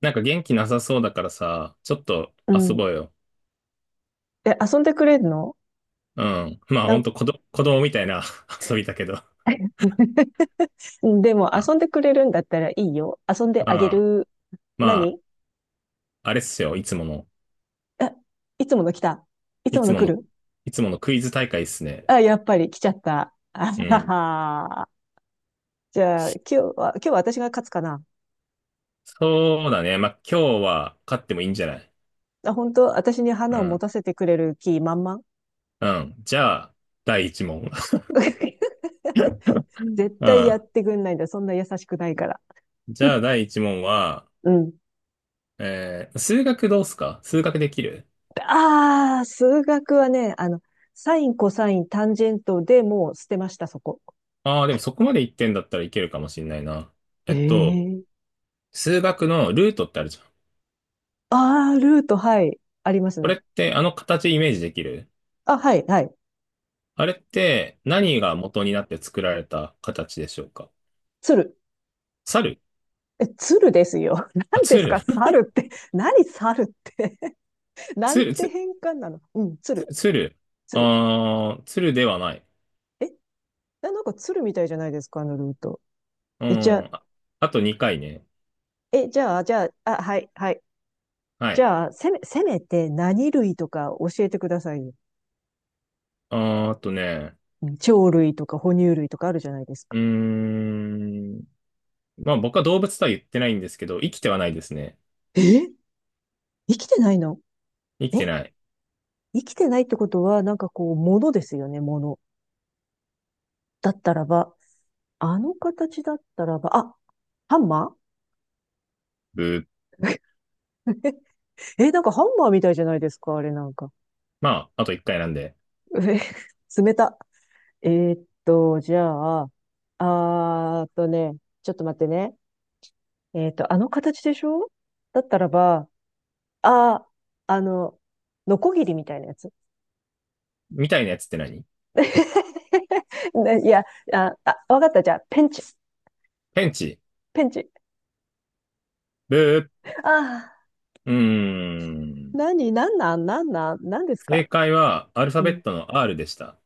なんか元気なさそうだからさ、ちょっとう遊ん。ぼうよ。え、遊んでくれるの？うん。まあなほんん と子供みたいな 遊びだけど。でもうん。遊んでくれるんだったらいいよ。遊んでうあげん。る。まあ、何？あれっすよ。いつもの、あ、いつもの来た。いついもつのも来の、る。いつものクイズ大会っすね。あ、やっぱり来ちゃった。あうはん。は。じゃあ、今日は、今日は私が勝つかな。そうだね。まあ今日は勝ってもいいんじゃない？あ、本当私にう花を持ん。たせてくれる気満々？ うん。じゃあ、第一問。絶う対やっん。てくんないんだ。そんな優しくないから。じゃあ 第一問は、うん。数学どうっすか？数学できる？ああ、数学はね、あの、サイン、コサイン、タンジェントでもう捨てました、そこ。ああー、でもそこまで言ってんだったらいけるかもしんないな。えっと、ええ、数学のルートってあるじゃん。あ、ールート、はい、ありますこれね。ってあの形イメージできる？あ、はい、はい。あれって何が元になって作られた形でしょうか？鶴。猿？え、鶴ですよ。あ、何です鶴。 か、猿って。何、猿って。なん鶴、て変換なの。うん、鶴、鶴。鶴。鶴ではない。え、なんか鶴みたいじゃないですか、あのルート。うえ、じゃあ、ん。あ、あと2回ね。え、じゃあ、じゃあ、あ、はい、はい。はじい。ゃあ、せめて何類とか教えてくださいよ。あとね。うん、鳥類とか哺乳類とかあるじゃないですか。うーん。まあ僕は動物とは言ってないんですけど、生きてはないですね。え、生きてないの？生きえ、てない。生きてないってことは、なんかこう、ものですよね、もの。だったらば、あの形だったらば、あ、ハンマー。 ブー。え、なんかハンマーみたいじゃないですか、あれなんか。まあ、あと1回なんで。え、冷た。えーっと、じゃあ、あーっとね、ちょっと待ってね。えーっと、あの形でしょ？だったらば、あー、あの、ノコギリみたいなやつ。みたいなやつって何？ ねいや、あ、あ、わかった。じゃあ、ペンチ。ペンチ。ペンチ。ブー。ああ、うーん。何、なんですか。正解はアルファうベッん。トの R でした。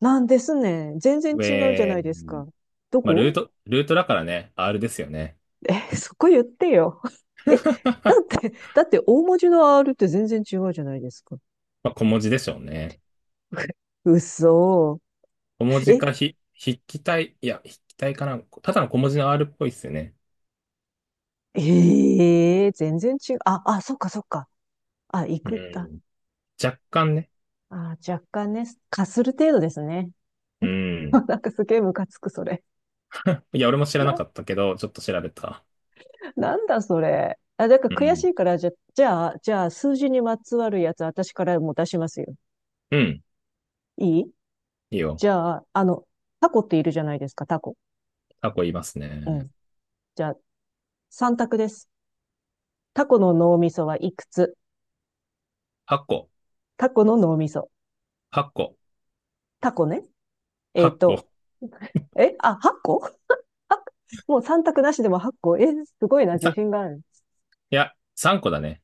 なんですね。全然違うじゃえないですー、か。どまあ、こ？ルートだからね、R ですよね。え、そこ言ってよ。え、だって大文字の R って全然違うじゃないですか。まあ、小文字でしょうね。嘘。小文字え、か筆記体、いや、筆記体かな。ただの小文字の R っぽいっすよね。ええ、全然違う。あ、あ、そっかそっか。あ、行うく、あ、ん。若干ね。あ、若干ね、かする程度ですね。うん。なんかすげえムカつく、それ。いや、俺も知らなな、かったけど、ちょっと調べた。なんだそれ。あ、だからう悔しん。いから、じゃあ、じゃあ、数字にまつわるやつ、私からもう出しますよ。うん。いい？いいよ。じゃあ、あの、タコっているじゃないですか、タコ。タコ言いますうね。ん。じゃあ、三択です。タコの脳みそはいくつ？8個。タコの脳みそ。8個。タコね。えっ、ー8個。と、え、あ、8個？あ、もう3択なしでも8個。え、すごいな、自さ、信がある。いや、3個だね。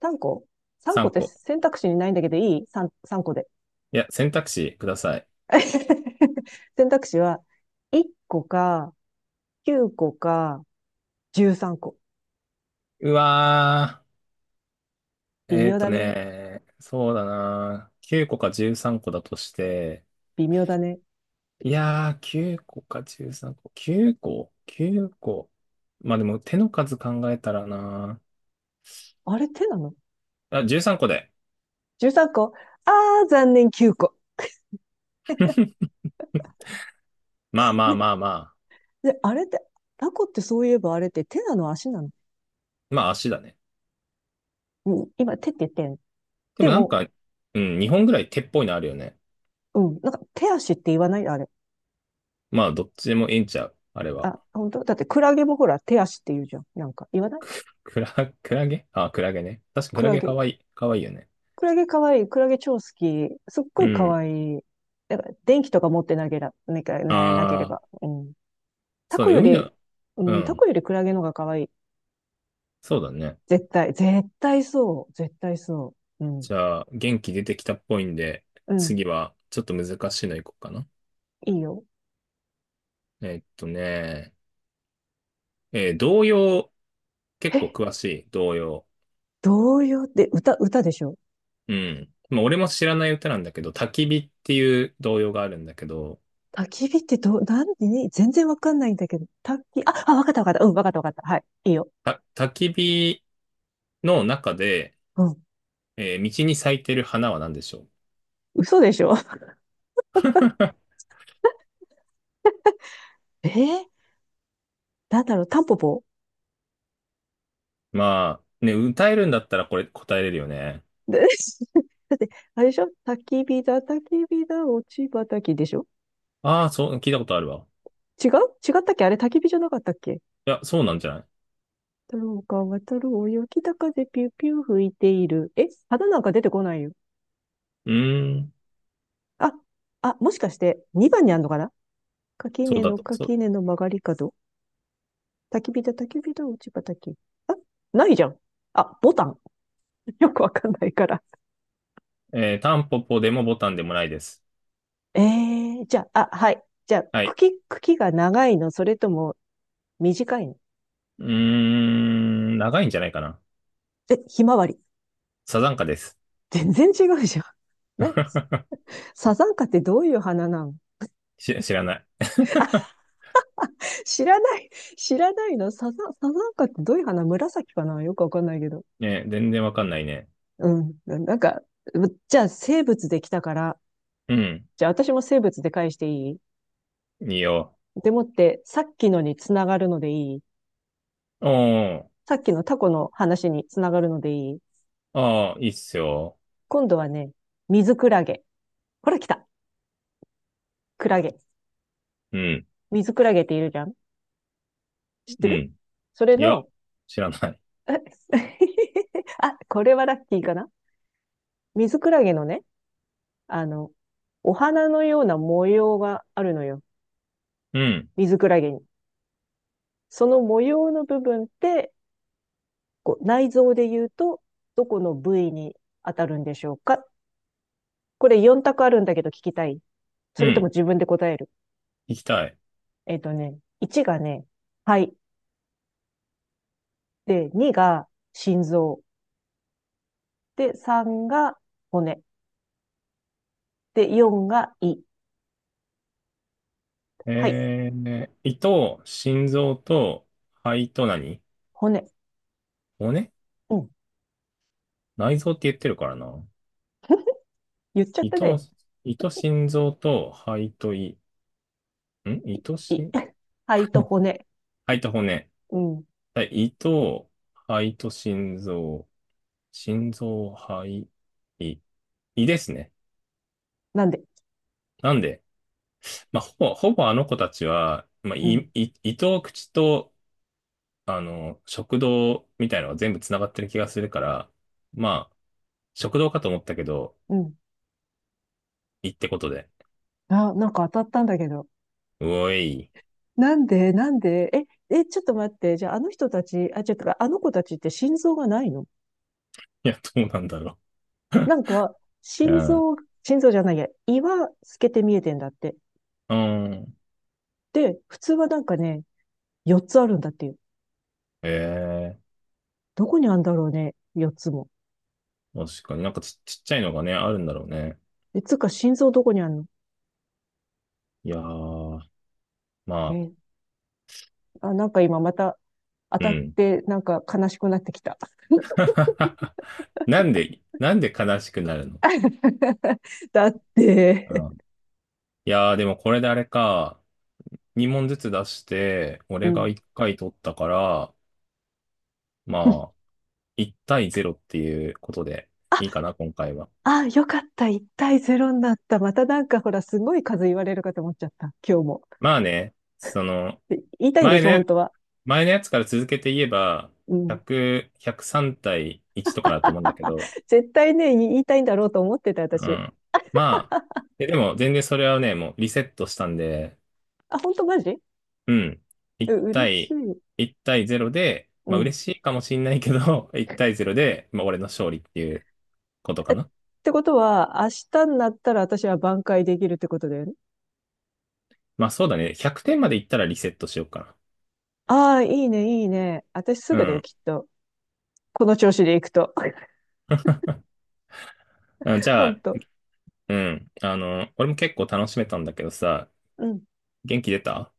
3個？ 3 個っ3て個。選択肢にないんだけどいい? 3個で。いや、選択肢ください。選択肢は1個か9個か13個。うわー。微妙だね。そうだな。9個か13個だとして、微妙だね。いやー、9個か13個。9個？ 9 個。まあでも手の数考えたらな。あれ手なの？ あ、13個で。13 個？あー、残念、9個。まあまあね、まあまあ。で、あれって、タコってそういえばあれって手なの足なの、まあ足だね。うん、今手って言ってん。ででもなんも、か、うん、2本ぐらい手っぽいのあるよね。うん。なんか、手足って言わない？あれ。まあどっちでもいいんちゃう、あれは。あ、本当だってクラゲもほら、手足って言うじゃん。なんか、言わない？クラ、クラゲ、あ、クラゲね。確かククララゲかゲ。わいい。かわいいよね。クラゲ可愛い。クラゲ超好き。すっごうい可ん。愛い。やっぱ、電気とか持ってなけら、なけねなけれあば。ー、うん。タそうコね。よ海り、の、ううん、タん。コよりクラゲの方が可愛い。そうだね。絶対、絶対そう。絶対そう。うん。じゃあ、元気出てきたっぽいんで、うん。次はちょっと難しいのいこうかな。いいよ。えっとね、童謡、結え、構詳しい、童謡？童謡って歌、歌でしょ？うん。まあ、俺も知らない歌なんだけど、焚き火っていう童謡があるんだけど、焚き火ってどう、なんに、全然わかんないんだけど。焚き、あ、あ、わかったわかった。うん、わかったわかった。はい。いいよ。焚き火の中で、うん。道に咲いてる花は何でしょう？嘘でしょ？えー、なんだろう、タンポポ？まあ、ね、歌えるんだったらこれ答えれるよね。で、 だって、あれでしょ、焚き火だ、焚き火だ、落ち葉焚きでしょ？ああ、そう、聞いたことあるわ。違う？違ったっけ、あれ焚き火じゃなかったっけ？いや、そうなんじゃない？太郎が渡るおよ、北風ピューピュー吹いている。え、花なんか出てこないよ。うーん、あ、あ、もしかして、2番にあんのかな？垣そう根だのと。そう。垣根の曲がり角。焚き火だ、焚き火だ、落ち葉焚き。あ、ないじゃん。あ、ボタン。よくわかんないから。タンポポでもボタンでもないです。えー、じゃあ、あ、はい。じゃあ、はい。茎、茎が長いの、それとも短いの？うーん、長いんじゃないかな。え、ひまわり。サザンカです。全然違うじゃん。ね、サザンカってどういう花なの？知らない。知らない、知らないの？サザン、サザンカってどういう花紫かな、よくわかんないけど。ね、全然わかんないね。うん。なんか、じゃあ生物できたから、うん。じゃあ私も生物で返していい？いいよ。でもって、さっきのにつながるのでいい？おー。さっきのタコの話につながるのでいい？ああ、いいっすよ。今度はね、水クラゲ。ほら来た。クラゲ。うん。水クラゲっているじゃん、知ってうる？ん。それいや、の？知らない。え、 あ、これはラッキーかな？水クラゲのね、あの、お花のような模様があるのよ。うん。水クラゲに。その模様の部分って、こう内臓で言うと、どこの部位に当たるんでしょうか？これ4択あるんだけど聞きたい。そうれともん。自分で答える。行きたい。えっと、1がね、肺。で、2が心臓。で、3が骨。で、4が胃。はい。胃と心臓と肺と何？骨。骨？うん。内臓って言ってるからな。言っちゃっ胃たと、ね。胃と心臓と肺と胃。胃と胃。肺と骨。肺と骨。うん。はい。胃と、肺と心臓。心臓、肺、胃、胃ですね。なんで？なんで、まあ、ほぼあの子たちは、まあ、うん。胃と口と、あの、食道みたいなのが全部つながってる気がするから、まあ、食道かと思ったけど、うん。胃ってことで。あ、なんか当たったんだけど。うおい。いなんでなんで？え、え、ちょっと待って。じゃあ、あの人たち、あ、ちょっと、あの子たちって心臓がないの？や、どうなんだろなんか、う。う心ん。臓、心臓じゃないや、胃は透けて見えてんだって。うん。で、普通はなんかね、4つあるんだっていう。ええ、どこにあるんだろうね、4つも。確かになんかちっちゃいのがね、あるんだろうね。え、つうか、心臓どこにあるの？いやー、まあ、え、あ、なんか今また当うたっん。て、なんか悲しくなってきた。なんで、なんで悲しくなるの？ だっうて、ん。いやー、でもこれであれか、2問ずつ出して、う俺がん。1回取ったから、まあ、1対0っていうことでいいかな、今回は。あ、よかった。1対0になった。またなんかほら、すごい数言われるかと思っちゃった。今日も。まあね、その、で言いたいんで前しょ、本ね、当は。前のやつから続けて言えば、うん。100、103対1とかだと思うんだけ ど、絶対ね、言いたいんだろうと思ってた、う私。ん。まあ、でも全然それはね、もうリセットしたんで、あ、本当マジ？うん。う、1嬉し対、い。1対0で、うまあん。嬉しいかもしんないけど、1対0で、まあ俺の勝利っていうことかえ、っな。てことは、明日になったら私は挽回できるってことだよね。まあそうだね。100点までいったらリセットしようかああ、いいね、いいね。私すな。うぐだよ、ん。きっと。この調子でいくと。あ、じゃ本あ、当。うん。俺も結構楽しめたんだけどさ、うん。元気出た？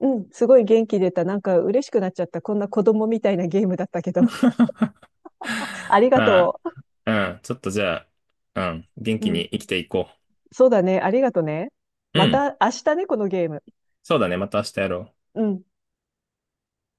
うん。すごい元気出た。なんか嬉しくなっちゃった。こんな子供みたいなゲームだったけど。ありがまとあ、うん。ちょっとじゃあ、うん。元う。う気ん。に生きていこそうだね。ありがとね。う。うまん。た明日ね、このゲーム。そうだね。また明日やろう。うん。